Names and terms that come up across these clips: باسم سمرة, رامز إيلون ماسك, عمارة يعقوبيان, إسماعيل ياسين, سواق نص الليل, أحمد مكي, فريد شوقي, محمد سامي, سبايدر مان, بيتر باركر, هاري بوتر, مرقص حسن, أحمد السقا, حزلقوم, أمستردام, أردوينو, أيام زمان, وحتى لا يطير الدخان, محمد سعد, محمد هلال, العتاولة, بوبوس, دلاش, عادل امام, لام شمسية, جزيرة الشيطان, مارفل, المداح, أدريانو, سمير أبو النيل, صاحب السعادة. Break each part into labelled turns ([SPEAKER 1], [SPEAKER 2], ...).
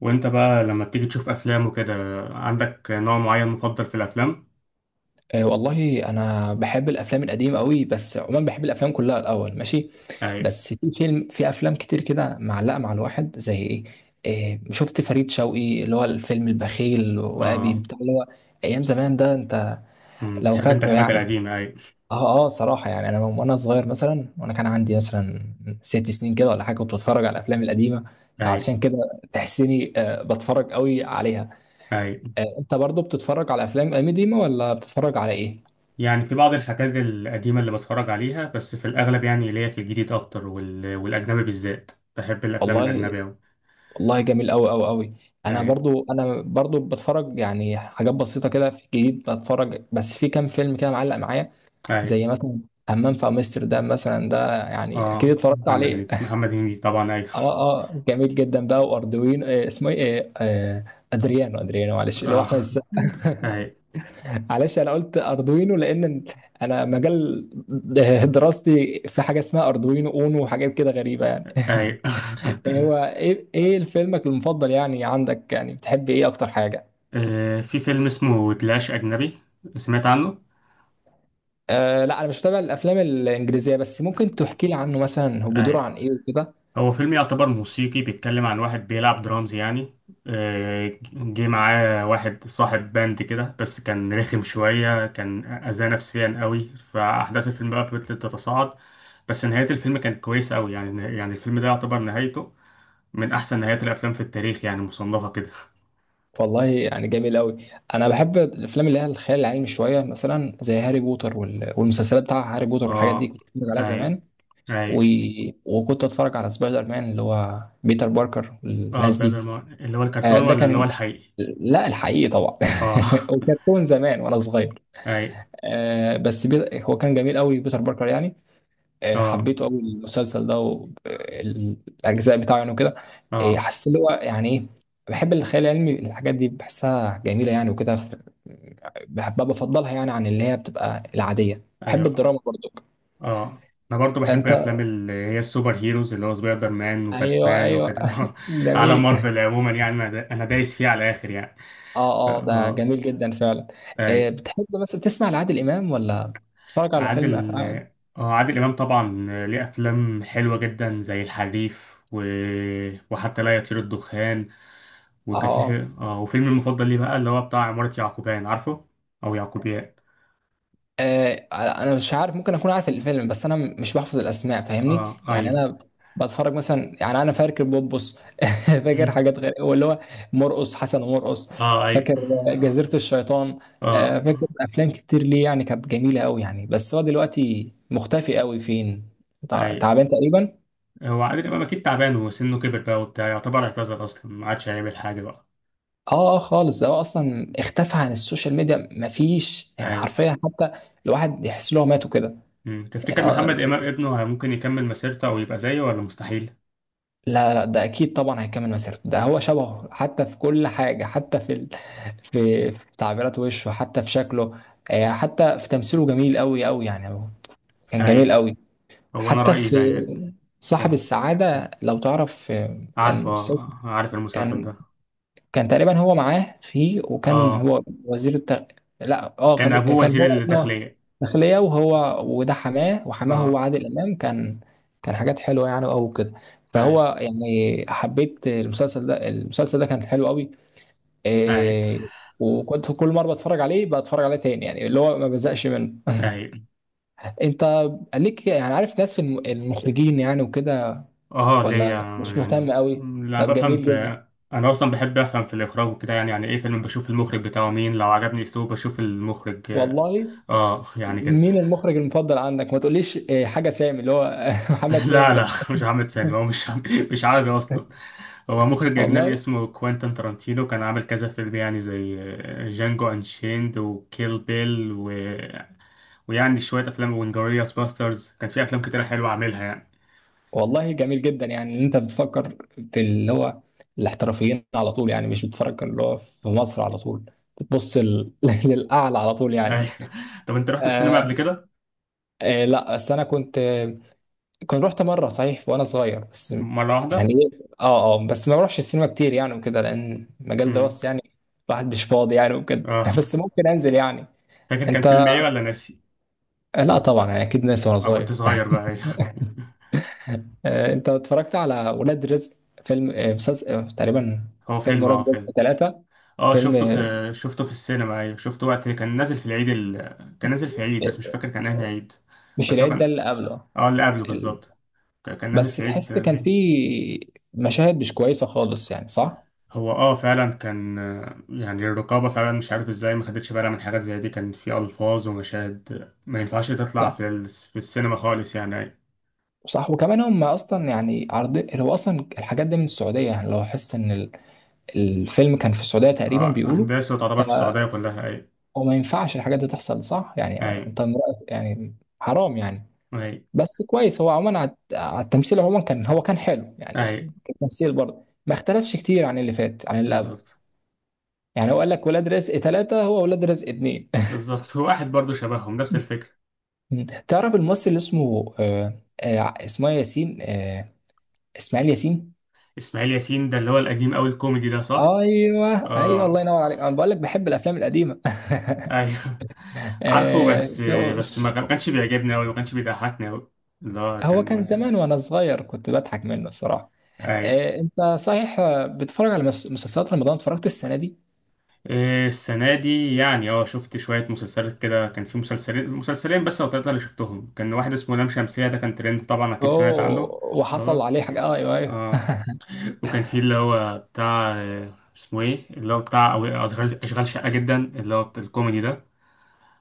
[SPEAKER 1] وانت بقى لما بتيجي تشوف افلام وكده، عندك نوع معين مفضل في الافلام؟
[SPEAKER 2] آه، والله انا بحب الافلام القديمه قوي، بس عموما بحب الافلام كلها الاول ماشي.
[SPEAKER 1] اي.
[SPEAKER 2] بس في افلام كتير كده معلقه مع الواحد، زي ايه؟ إيه، شفت فريد شوقي اللي هو الفيلم البخيل وابي
[SPEAKER 1] اه.
[SPEAKER 2] بتاع اللي هو ايام زمان ده انت، لو
[SPEAKER 1] بتحب انت
[SPEAKER 2] فاكره
[SPEAKER 1] الحاجات
[SPEAKER 2] يعني.
[SPEAKER 1] القديمه؟ اي،
[SPEAKER 2] اه اه، صراحه يعني انا وانا صغير مثلا، وانا كان عندي مثلا ست سنين كده ولا حاجه كنت بتفرج على الافلام القديمه،
[SPEAKER 1] اي،
[SPEAKER 2] علشان كده تحسيني بتفرج قوي عليها.
[SPEAKER 1] اي.
[SPEAKER 2] انت برضو بتتفرج على افلام قديمه ولا بتتفرج على ايه؟
[SPEAKER 1] يعني في بعض الحاجات القديمه اللي بتفرج عليها، بس في الاغلب يعني ليا في الجديد اكتر وال... والاجنبي بالذات. بحب الافلام
[SPEAKER 2] والله.
[SPEAKER 1] الاجنبيه أوي.
[SPEAKER 2] والله جميل قوي قوي قوي. انا
[SPEAKER 1] اي،
[SPEAKER 2] برضو انا برضو بتفرج يعني حاجات بسيطه كده في الجديد بتفرج، بس في كام فيلم كده معلق معايا،
[SPEAKER 1] اي.
[SPEAKER 2] زي مثلا همام في امستردام مثلا، ده يعني اكيد
[SPEAKER 1] اه،
[SPEAKER 2] اتفرجت
[SPEAKER 1] محمد
[SPEAKER 2] عليه.
[SPEAKER 1] هنيدي محمد هنيدي طبعا، اي.
[SPEAKER 2] اه اه، جميل جدا بقى. واردوينو، اسمه ايه؟ ادريانو، ادريانو معلش، اللي هو احمد
[SPEAKER 1] اه،
[SPEAKER 2] السقا.
[SPEAKER 1] اي،
[SPEAKER 2] معلش، انا قلت اردوينو لان انا مجال دراستي في حاجه اسمها اردوينو اونو، وحاجات كده غريبه يعني.
[SPEAKER 1] اي.
[SPEAKER 2] هو ايه فيلمك المفضل يعني؟ عندك يعني بتحب ايه اكتر حاجه؟
[SPEAKER 1] في فيلم اسمه دلاش اجنبي، سمعت عنه؟
[SPEAKER 2] آه لا، انا مش متابع الافلام الانجليزيه، بس ممكن تحكي لي عنه مثلا، هو
[SPEAKER 1] اي.
[SPEAKER 2] بيدور عن ايه وكده؟
[SPEAKER 1] هو فيلم يعتبر موسيقي، بيتكلم عن واحد بيلعب درامز يعني. جه معاه واحد صاحب باند كده، بس كان رخم شوية، كان أذاه نفسيا قوي، فأحداث الفيلم بقى فضلت تتصاعد. بس نهاية الفيلم كانت كويسة قوي، يعني الفيلم ده يعتبر نهايته من أحسن نهايات الأفلام في التاريخ يعني، مصنفة كده.
[SPEAKER 2] والله يعني جميل قوي. انا بحب الافلام اللي هي الخيال العلمي شويه، مثلا زي هاري بوتر والمسلسلات بتاع هاري بوتر والحاجات دي
[SPEAKER 1] اه،
[SPEAKER 2] كنت بتفرج عليها
[SPEAKER 1] أي،
[SPEAKER 2] زمان. و...
[SPEAKER 1] أي.
[SPEAKER 2] وكنت اتفرج على سبايدر مان اللي هو بيتر باركر
[SPEAKER 1] اه،
[SPEAKER 2] والناس
[SPEAKER 1] سبايدر
[SPEAKER 2] دي.
[SPEAKER 1] مان اللي هو
[SPEAKER 2] آه
[SPEAKER 1] الكرتون
[SPEAKER 2] ده
[SPEAKER 1] ولا اللي هو
[SPEAKER 2] كان،
[SPEAKER 1] الحقيقي؟
[SPEAKER 2] لا، الحقيقي طبعا.
[SPEAKER 1] اه.
[SPEAKER 2] وكرتون زمان وانا صغير.
[SPEAKER 1] أي،
[SPEAKER 2] آه بس هو كان جميل قوي بيتر باركر يعني.
[SPEAKER 1] اه،
[SPEAKER 2] حبيته قوي المسلسل ده والاجزاء بتاعه يعني وكده.
[SPEAKER 1] اه،
[SPEAKER 2] حسيت اللي هو يعني ايه. بحب الخيال العلمي، الحاجات دي بحسها جميله يعني وكده بحبها، بفضلها يعني عن اللي هي بتبقى العاديه. بحب
[SPEAKER 1] أيوه،
[SPEAKER 2] الدراما برضو.
[SPEAKER 1] اه. انا برضو بحب
[SPEAKER 2] انت
[SPEAKER 1] افلام اللي هي السوبر هيروز، اللي هو سبايدر مان
[SPEAKER 2] ايوه
[SPEAKER 1] وباتمان
[SPEAKER 2] ايوه،
[SPEAKER 1] وكده. على
[SPEAKER 2] جميل.
[SPEAKER 1] مارفل عموما، يعني انا دايس فيه على الاخر يعني.
[SPEAKER 2] اه
[SPEAKER 1] ف-
[SPEAKER 2] اه، ده
[SPEAKER 1] اه
[SPEAKER 2] جميل جدا فعلا.
[SPEAKER 1] اي.
[SPEAKER 2] بتحب مثلا تسمع لعادل امام ولا تتفرج على فيلم
[SPEAKER 1] عادل
[SPEAKER 2] افعال؟
[SPEAKER 1] اه عادل امام طبعا. ليه افلام حلوه جدا زي الحريف وحتى لا يطير الدخان.
[SPEAKER 2] اه.
[SPEAKER 1] وكان في
[SPEAKER 2] آه.
[SPEAKER 1] فيلم- اه وفيلم المفضل ليه بقى اللي هو بتاع عمارة يعقوبيان، عارفه؟ او يعقوبيان.
[SPEAKER 2] انا مش عارف، ممكن اكون عارف الفيلم، بس انا مش بحفظ الاسماء، فاهمني
[SPEAKER 1] اه،
[SPEAKER 2] يعني.
[SPEAKER 1] ايوه.
[SPEAKER 2] انا بتفرج مثلا، يعني انا فاكر بوبوس. فاكر حاجات غير واللي هو مرقص حسن ومرقص.
[SPEAKER 1] اه، ايوه.
[SPEAKER 2] فاكر جزيرة الشيطان.
[SPEAKER 1] اه،
[SPEAKER 2] فاكر افلام كتير ليه يعني كانت جميلة قوي يعني، بس هو دلوقتي مختفي قوي فين، تع-
[SPEAKER 1] ايوه.
[SPEAKER 2] تعبان تقريبا.
[SPEAKER 1] هو عادل امام اكيد تعبان وسنه كبر بقى وبتاع، يعتبر اعتذر اصلا ما عادش هيعمل حاجه بقى.
[SPEAKER 2] اه اه، خالص. ده هو اصلا اختفى عن السوشيال ميديا، مفيش يعني
[SPEAKER 1] ايوه.
[SPEAKER 2] حرفيا حتى الواحد يحس ان هو مات وكده. يعني
[SPEAKER 1] تفتكر محمد امام ابنه ممكن يكمل مسيرته او يبقى زيه ولا مستحيل؟
[SPEAKER 2] لا لا، ده اكيد طبعا هيكمل مسيرته، ده هو شبهه حتى في كل حاجه، حتى في في تعبيرات وشه، حتى في شكله. حتى في تمثيله جميل قوي قوي يعني. هو كان جميل
[SPEAKER 1] ايوه.
[SPEAKER 2] قوي.
[SPEAKER 1] هو انا
[SPEAKER 2] حتى
[SPEAKER 1] رايي
[SPEAKER 2] في
[SPEAKER 1] زيك.
[SPEAKER 2] صاحب
[SPEAKER 1] كان.
[SPEAKER 2] السعاده لو تعرف، كان مسلسل.
[SPEAKER 1] عارف المسلسل
[SPEAKER 2] كان
[SPEAKER 1] ده.
[SPEAKER 2] كان تقريبا هو معاه فيه، وكان
[SPEAKER 1] اه،
[SPEAKER 2] هو وزير التغ... لا،
[SPEAKER 1] كان
[SPEAKER 2] كان
[SPEAKER 1] ابوه
[SPEAKER 2] كان
[SPEAKER 1] وزير
[SPEAKER 2] هو ابنه.
[SPEAKER 1] الداخليه.
[SPEAKER 2] داخلية، وهو وده حماه، وحماه هو
[SPEAKER 1] اه،
[SPEAKER 2] عادل امام كان. كان حاجات حلوه يعني قوي وكده،
[SPEAKER 1] ايوه،
[SPEAKER 2] فهو يعني حبيت المسلسل ده، المسلسل ده كان حلو قوي.
[SPEAKER 1] ايوه،
[SPEAKER 2] إيه. وكنت كل مره بتفرج عليه بتفرج عليه تاني، يعني اللي هو ما بزقش منه.
[SPEAKER 1] ايوه.
[SPEAKER 2] انت ليك يعني عارف ناس في المخرجين يعني وكده
[SPEAKER 1] اه،
[SPEAKER 2] ولا
[SPEAKER 1] ليا.
[SPEAKER 2] مش مهتم
[SPEAKER 1] يعني
[SPEAKER 2] قوي؟
[SPEAKER 1] لا،
[SPEAKER 2] طب
[SPEAKER 1] بفهم
[SPEAKER 2] جميل جدا.
[SPEAKER 1] انا اصلا بحب افهم في الاخراج وكده، يعني يعني ايه فيلم، بشوف المخرج بتاعه مين، لو عجبني اسلوبه بشوف المخرج.
[SPEAKER 2] والله
[SPEAKER 1] اه، يعني كده.
[SPEAKER 2] مين المخرج المفضل عندك؟ ما تقوليش حاجه سامي اللي هو محمد سامي
[SPEAKER 1] لا، لا.
[SPEAKER 2] ده.
[SPEAKER 1] مش محمد سامي. هو مش عربي اصلا. هو مخرج اجنبي
[SPEAKER 2] والله.
[SPEAKER 1] اسمه كوينتن ترانتينو، كان عامل كذا فيلم يعني، زي جانجو انشيند وكيل بيل ويعني شويه افلام وانجرياس باسترز، كان في افلام كتيره حلوه عاملها يعني.
[SPEAKER 2] والله جميل جدا يعني ان انت بتفكر في اللي هو الاحترافيين على طول يعني، مش بتفكر اللي هو في مصر على طول، بتبص للاعلى على طول يعني.
[SPEAKER 1] أيوة. طب انت رحت السينما قبل
[SPEAKER 2] آه
[SPEAKER 1] كده؟
[SPEAKER 2] لا بس انا كنت، كنت رحت مره صحيح وانا صغير بس.
[SPEAKER 1] مره واحده.
[SPEAKER 2] يعني اه اه، بس ما بروحش السينما كتير يعني وكده، لان مجال
[SPEAKER 1] امم
[SPEAKER 2] دراستي يعني الواحد مش فاضي يعني وكده،
[SPEAKER 1] اه
[SPEAKER 2] بس ممكن انزل يعني.
[SPEAKER 1] فاكر كان
[SPEAKER 2] انت
[SPEAKER 1] فيلم ايه ولا ناسي؟
[SPEAKER 2] آه، لا طبعا يعني اكيد ناسي وانا
[SPEAKER 1] اه، كنت
[SPEAKER 2] صغير.
[SPEAKER 1] صغير بقى، أيوة.
[SPEAKER 2] انت اتفرجت على ولاد رزق، فيلم، مسلسل، تقريبا؟
[SPEAKER 1] هو
[SPEAKER 2] فيلم ولاد رزق
[SPEAKER 1] فيلم.
[SPEAKER 2] ثلاثة،
[SPEAKER 1] اه،
[SPEAKER 2] فيلم
[SPEAKER 1] شفته في السينما، ايوه، شفته وقت كان نازل في العيد كان نازل في العيد، بس مش فاكر كان انهي عيد.
[SPEAKER 2] مش
[SPEAKER 1] بس هو
[SPEAKER 2] العيد ده
[SPEAKER 1] كان
[SPEAKER 2] اللي قبله؟
[SPEAKER 1] اه اللي قبله
[SPEAKER 2] ال-
[SPEAKER 1] بالظبط. كان نازل
[SPEAKER 2] بس
[SPEAKER 1] في العيد.
[SPEAKER 2] تحس كان فيه مشاهد مش كويسة خالص يعني، صح؟
[SPEAKER 1] هو فعلا كان، يعني الرقابة فعلا مش عارف ازاي ما خدتش بالها من حاجات زي دي، كان في ألفاظ ومشاهد ما ينفعش تطلع
[SPEAKER 2] صح.
[SPEAKER 1] في السينما خالص يعني، ايوه.
[SPEAKER 2] صح وكمان هم اصلا يعني عرض، هو اصلا الحاجات دي من السعودية يعني، لو حس ان الفيلم كان في السعودية تقريبا
[SPEAKER 1] اه،
[SPEAKER 2] بيقولوا،
[SPEAKER 1] أحداثه تعتبر في السعودية
[SPEAKER 2] فهو
[SPEAKER 1] كلها، ايوه.
[SPEAKER 2] ما ينفعش الحاجات دي تحصل، صح؟ يعني
[SPEAKER 1] ايوه،
[SPEAKER 2] انت من رأيك يعني حرام يعني.
[SPEAKER 1] ايوه،
[SPEAKER 2] بس كويس هو عموما، على التمثيل عموما كان، هو كان حلو يعني.
[SPEAKER 1] ايوه.
[SPEAKER 2] التمثيل برضه ما اختلفش كتير عن اللي فات، عن اللي قبله
[SPEAKER 1] بالظبط.
[SPEAKER 2] يعني. هو قال لك ولاد رزق ثلاثة، هو ولاد رزق اتنين.
[SPEAKER 1] بالظبط. هو واحد برضه شبههم، نفس الفكرة.
[SPEAKER 2] تعرف الممثل اللي اسمه اسمه إيه؟ ياسين، اسماعيل ياسين.
[SPEAKER 1] إسماعيل ياسين ده اللي هو القديم أوي الكوميدي ده، صح؟
[SPEAKER 2] ايوه ايوه، الله
[SPEAKER 1] اه،
[SPEAKER 2] ينور عليك. انا بقول لك بحب الافلام القديمه.
[SPEAKER 1] ايوه. عارفه
[SPEAKER 2] آه
[SPEAKER 1] بس،
[SPEAKER 2] هو
[SPEAKER 1] ما كانش بيعجبني أوي، ما كانش بيضحكني أوي. اللي هو
[SPEAKER 2] هو كان
[SPEAKER 1] كان
[SPEAKER 2] زمان
[SPEAKER 1] كان
[SPEAKER 2] وانا صغير كنت بضحك منه الصراحه.
[SPEAKER 1] أي.
[SPEAKER 2] انت صحيح، بتتفرج على مسلسلات رمضان؟ اتفرجت السنه دي؟
[SPEAKER 1] إيه، السنة دي يعني شفت شوية مسلسلات كده، كان في مسلسلين مسلسلين بس أو تلاتة اللي شفتهم، كان واحد اسمه لام شمسية ده كان ترند، طبعا أكيد سمعت عنه.
[SPEAKER 2] اوه، وحصل
[SPEAKER 1] اه،
[SPEAKER 2] عليه حاجة. ايوه ايوه
[SPEAKER 1] اه. وكان في اللي هو بتاع، اسمه ايه، اللي هو بتاع أشغال شقة جدا، اللي هو بتاع الكوميدي ده.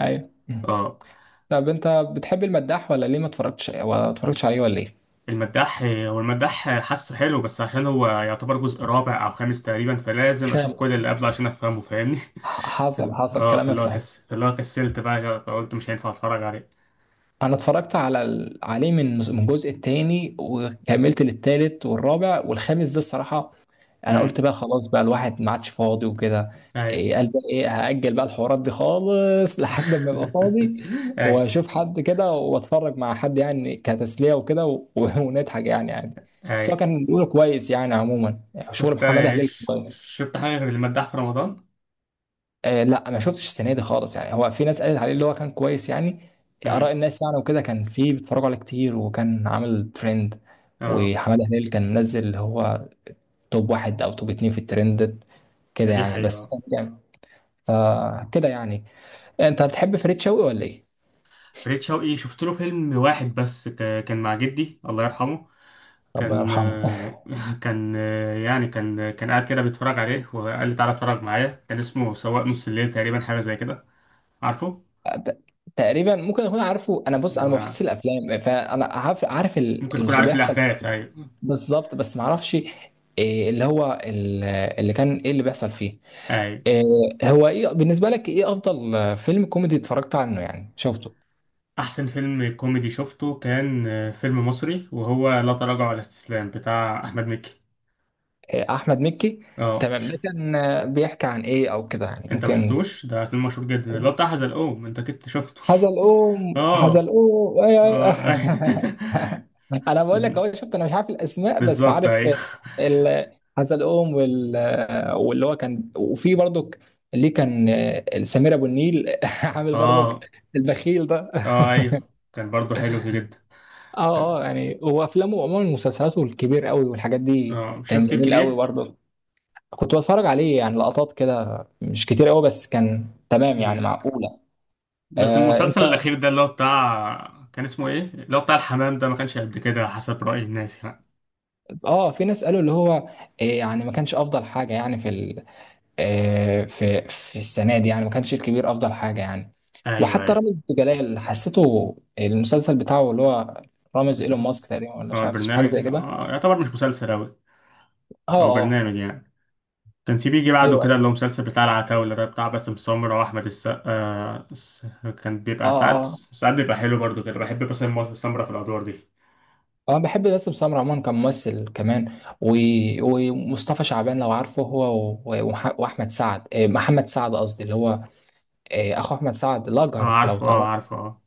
[SPEAKER 2] ايوه. مم.
[SPEAKER 1] اه.
[SPEAKER 2] طب انت بتحب المداح ولا ليه ما اتفرجتش، ولا اتفرجتش عليه ولا ايه؟
[SPEAKER 1] المداح حاسه حلو، بس عشان هو يعتبر جزء رابع او خامس تقريبا، فلازم اشوف كل
[SPEAKER 2] خامس،
[SPEAKER 1] اللي قبله عشان افهمه، فاهمني؟
[SPEAKER 2] حصل حصل كلامك صحيح.
[SPEAKER 1] فاللي هو كسلت بقى، فقلت مش هينفع اتفرج عليه.
[SPEAKER 2] انا اتفرجت على عليه من الجزء الثاني، وكملت للثالث والرابع والخامس ده الصراحة. انا قلت
[SPEAKER 1] امم.
[SPEAKER 2] بقى خلاص بقى الواحد ما عادش فاضي وكده.
[SPEAKER 1] اي.
[SPEAKER 2] إيه قال بقى ايه، هأجل بقى الحوارات دي خالص لحد ما ابقى فاضي
[SPEAKER 1] اي،
[SPEAKER 2] واشوف حد كده واتفرج مع حد يعني كتسلية وكده ونضحك يعني عادي. بس هو
[SPEAKER 1] اي.
[SPEAKER 2] كان بيقول كويس يعني عموما. شغل
[SPEAKER 1] شفت
[SPEAKER 2] محمد هلال كان كويس.
[SPEAKER 1] شفت حاجه غير المداح في رمضان؟
[SPEAKER 2] لا ما شفتش السنة دي خالص يعني، هو في ناس قالت عليه اللي هو كان كويس يعني، آراء
[SPEAKER 1] امم.
[SPEAKER 2] الناس يعني وكده، كان في بيتفرجوا عليه كتير وكان عامل ترند.
[SPEAKER 1] اه،
[SPEAKER 2] وحماده هلال كان منزل اللي هو توب واحد او توب اتنين في الترندد كده
[SPEAKER 1] دي
[SPEAKER 2] يعني، بس
[SPEAKER 1] حقيقه.
[SPEAKER 2] يعني فكده يعني. انت بتحب فريد شوقي ولا ايه؟
[SPEAKER 1] فريد شوقي شفت له فيلم واحد بس، كان مع جدي الله يرحمه.
[SPEAKER 2] ربنا
[SPEAKER 1] كان.
[SPEAKER 2] يرحمه.
[SPEAKER 1] كان يعني، كان قاعد كده بيتفرج عليه، وقال لي تعالى اتفرج معايا، كان اسمه سواق نص الليل تقريبا، حاجة زي كده، عارفه؟
[SPEAKER 2] ت- تقريبا ممكن اكون عارفه. انا بص، انا ما
[SPEAKER 1] وممكن
[SPEAKER 2] بحصل الافلام، فانا عارف،
[SPEAKER 1] تكون
[SPEAKER 2] اللي
[SPEAKER 1] عارف
[SPEAKER 2] بيحصل.
[SPEAKER 1] الأحداث، أيوة.
[SPEAKER 2] بالظبط، بس ما اعرفش إيه اللي هو اللي كان ايه اللي بيحصل فيه.
[SPEAKER 1] أيوة.
[SPEAKER 2] إيه، هو ايه بالنسبه لك، ايه افضل فيلم كوميدي اتفرجت عنه يعني شفته؟
[SPEAKER 1] أحسن فيلم كوميدي شفته كان فيلم مصري، وهو لا تراجع ولا استسلام بتاع أحمد مكي.
[SPEAKER 2] إيه، احمد مكي
[SPEAKER 1] اه،
[SPEAKER 2] تمام.
[SPEAKER 1] مش...
[SPEAKER 2] ده كان بيحكي عن ايه او كده يعني،
[SPEAKER 1] أنت ما
[SPEAKER 2] ممكن؟
[SPEAKER 1] شفتوش ده؟ فيلم مشهور جدا اللي هو بتاع حزلقوم، أنت كنت شفته؟
[SPEAKER 2] حزلقوم،
[SPEAKER 1] اه،
[SPEAKER 2] حزلقوم، ايوه
[SPEAKER 1] اه.
[SPEAKER 2] ايوه. انا بقول لك اهو، شفت انا مش عارف الاسماء بس
[SPEAKER 1] بالظبط،
[SPEAKER 2] عارف
[SPEAKER 1] أيوة.
[SPEAKER 2] ال- حزلقوم وال. واللي هو كان وفي برضك، اللي كان سمير ابو النيل عامل
[SPEAKER 1] اه،
[SPEAKER 2] برضك البخيل ده.
[SPEAKER 1] اه، ايوه، كان برضو حلو كده جدا.
[SPEAKER 2] اه اه، يعني هو افلامه عموما مسلسلاته الكبير قوي والحاجات دي
[SPEAKER 1] اه،
[SPEAKER 2] كان
[SPEAKER 1] شفت
[SPEAKER 2] جميل قوي
[SPEAKER 1] الكبير.
[SPEAKER 2] برضه، كنت بتفرج عليه يعني لقطات كده مش كتير قوي، بس كان تمام يعني،
[SPEAKER 1] مم.
[SPEAKER 2] معقولة.
[SPEAKER 1] بس
[SPEAKER 2] آه.
[SPEAKER 1] المسلسل الاخير ده اللي هو بتاع، كان اسمه ايه، اللي هو بتاع الحمام ده، ما كانش قد كده حسب رأي الناس يعني.
[SPEAKER 2] اه، في ناس قالوا اللي هو يعني ما كانش افضل حاجه يعني في ال... آه، في السنه دي يعني، ما كانش الكبير افضل حاجه يعني.
[SPEAKER 1] ايوه،
[SPEAKER 2] وحتى
[SPEAKER 1] ايوه.
[SPEAKER 2] رامز جلال حسيته المسلسل بتاعه اللي هو رامز ايلون
[SPEAKER 1] قصدك،
[SPEAKER 2] ماسك تقريبا، ولا
[SPEAKER 1] اه،
[SPEAKER 2] مش عارف اسمه، حاجه
[SPEAKER 1] البرنامج
[SPEAKER 2] زي كده.
[SPEAKER 1] يعتبر مش مسلسل اوي،
[SPEAKER 2] اه
[SPEAKER 1] هو
[SPEAKER 2] اه
[SPEAKER 1] برنامج يعني. كان في بيجي بعده
[SPEAKER 2] ايوه
[SPEAKER 1] كده اللي
[SPEAKER 2] ايوه.
[SPEAKER 1] هو مسلسل بتاع العتاولة ده، بتاع باسم سمرة واحمد السقا، كان
[SPEAKER 2] اه
[SPEAKER 1] بيبقى ساعات
[SPEAKER 2] اه
[SPEAKER 1] ساعات بيبقى حلو برضو كده، بحب باسم سمرة في الادوار دي.
[SPEAKER 2] اه بحب باسم سمرة عموما كممثل كمان، و... ومصطفى شعبان لو عارفه هو، واحمد سعد، محمد سعد قصدي اللي هو اخو احمد سعد
[SPEAKER 1] اه،
[SPEAKER 2] الاجهر لو
[SPEAKER 1] عارفه، اه،
[SPEAKER 2] تعرفه.
[SPEAKER 1] عارفه، اه.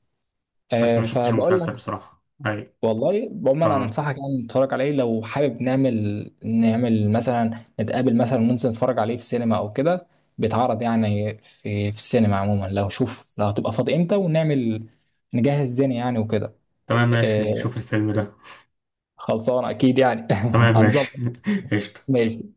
[SPEAKER 1] بس ما شفتش
[SPEAKER 2] فبقول
[SPEAKER 1] المسلسل
[SPEAKER 2] لك.
[SPEAKER 1] بصراحة، ايوه.
[SPEAKER 2] والله عموما انا
[SPEAKER 1] اه،
[SPEAKER 2] انصحك يعني تتفرج عليه، لو حابب نعمل، نعمل مثلا نتقابل مثلا وننزل نتفرج عليه في سينما او كده، بيتعرض يعني في السينما عموما، لو شوف لو هتبقى فاضي امتى ونعمل نجهز الدنيا يعني وكده.
[SPEAKER 1] تمام، ماشي
[SPEAKER 2] آه
[SPEAKER 1] نشوف الفيلم ده.
[SPEAKER 2] خلصان اكيد يعني.
[SPEAKER 1] تمام
[SPEAKER 2] هنظبط.
[SPEAKER 1] ماشي. قشطة.
[SPEAKER 2] ماشي.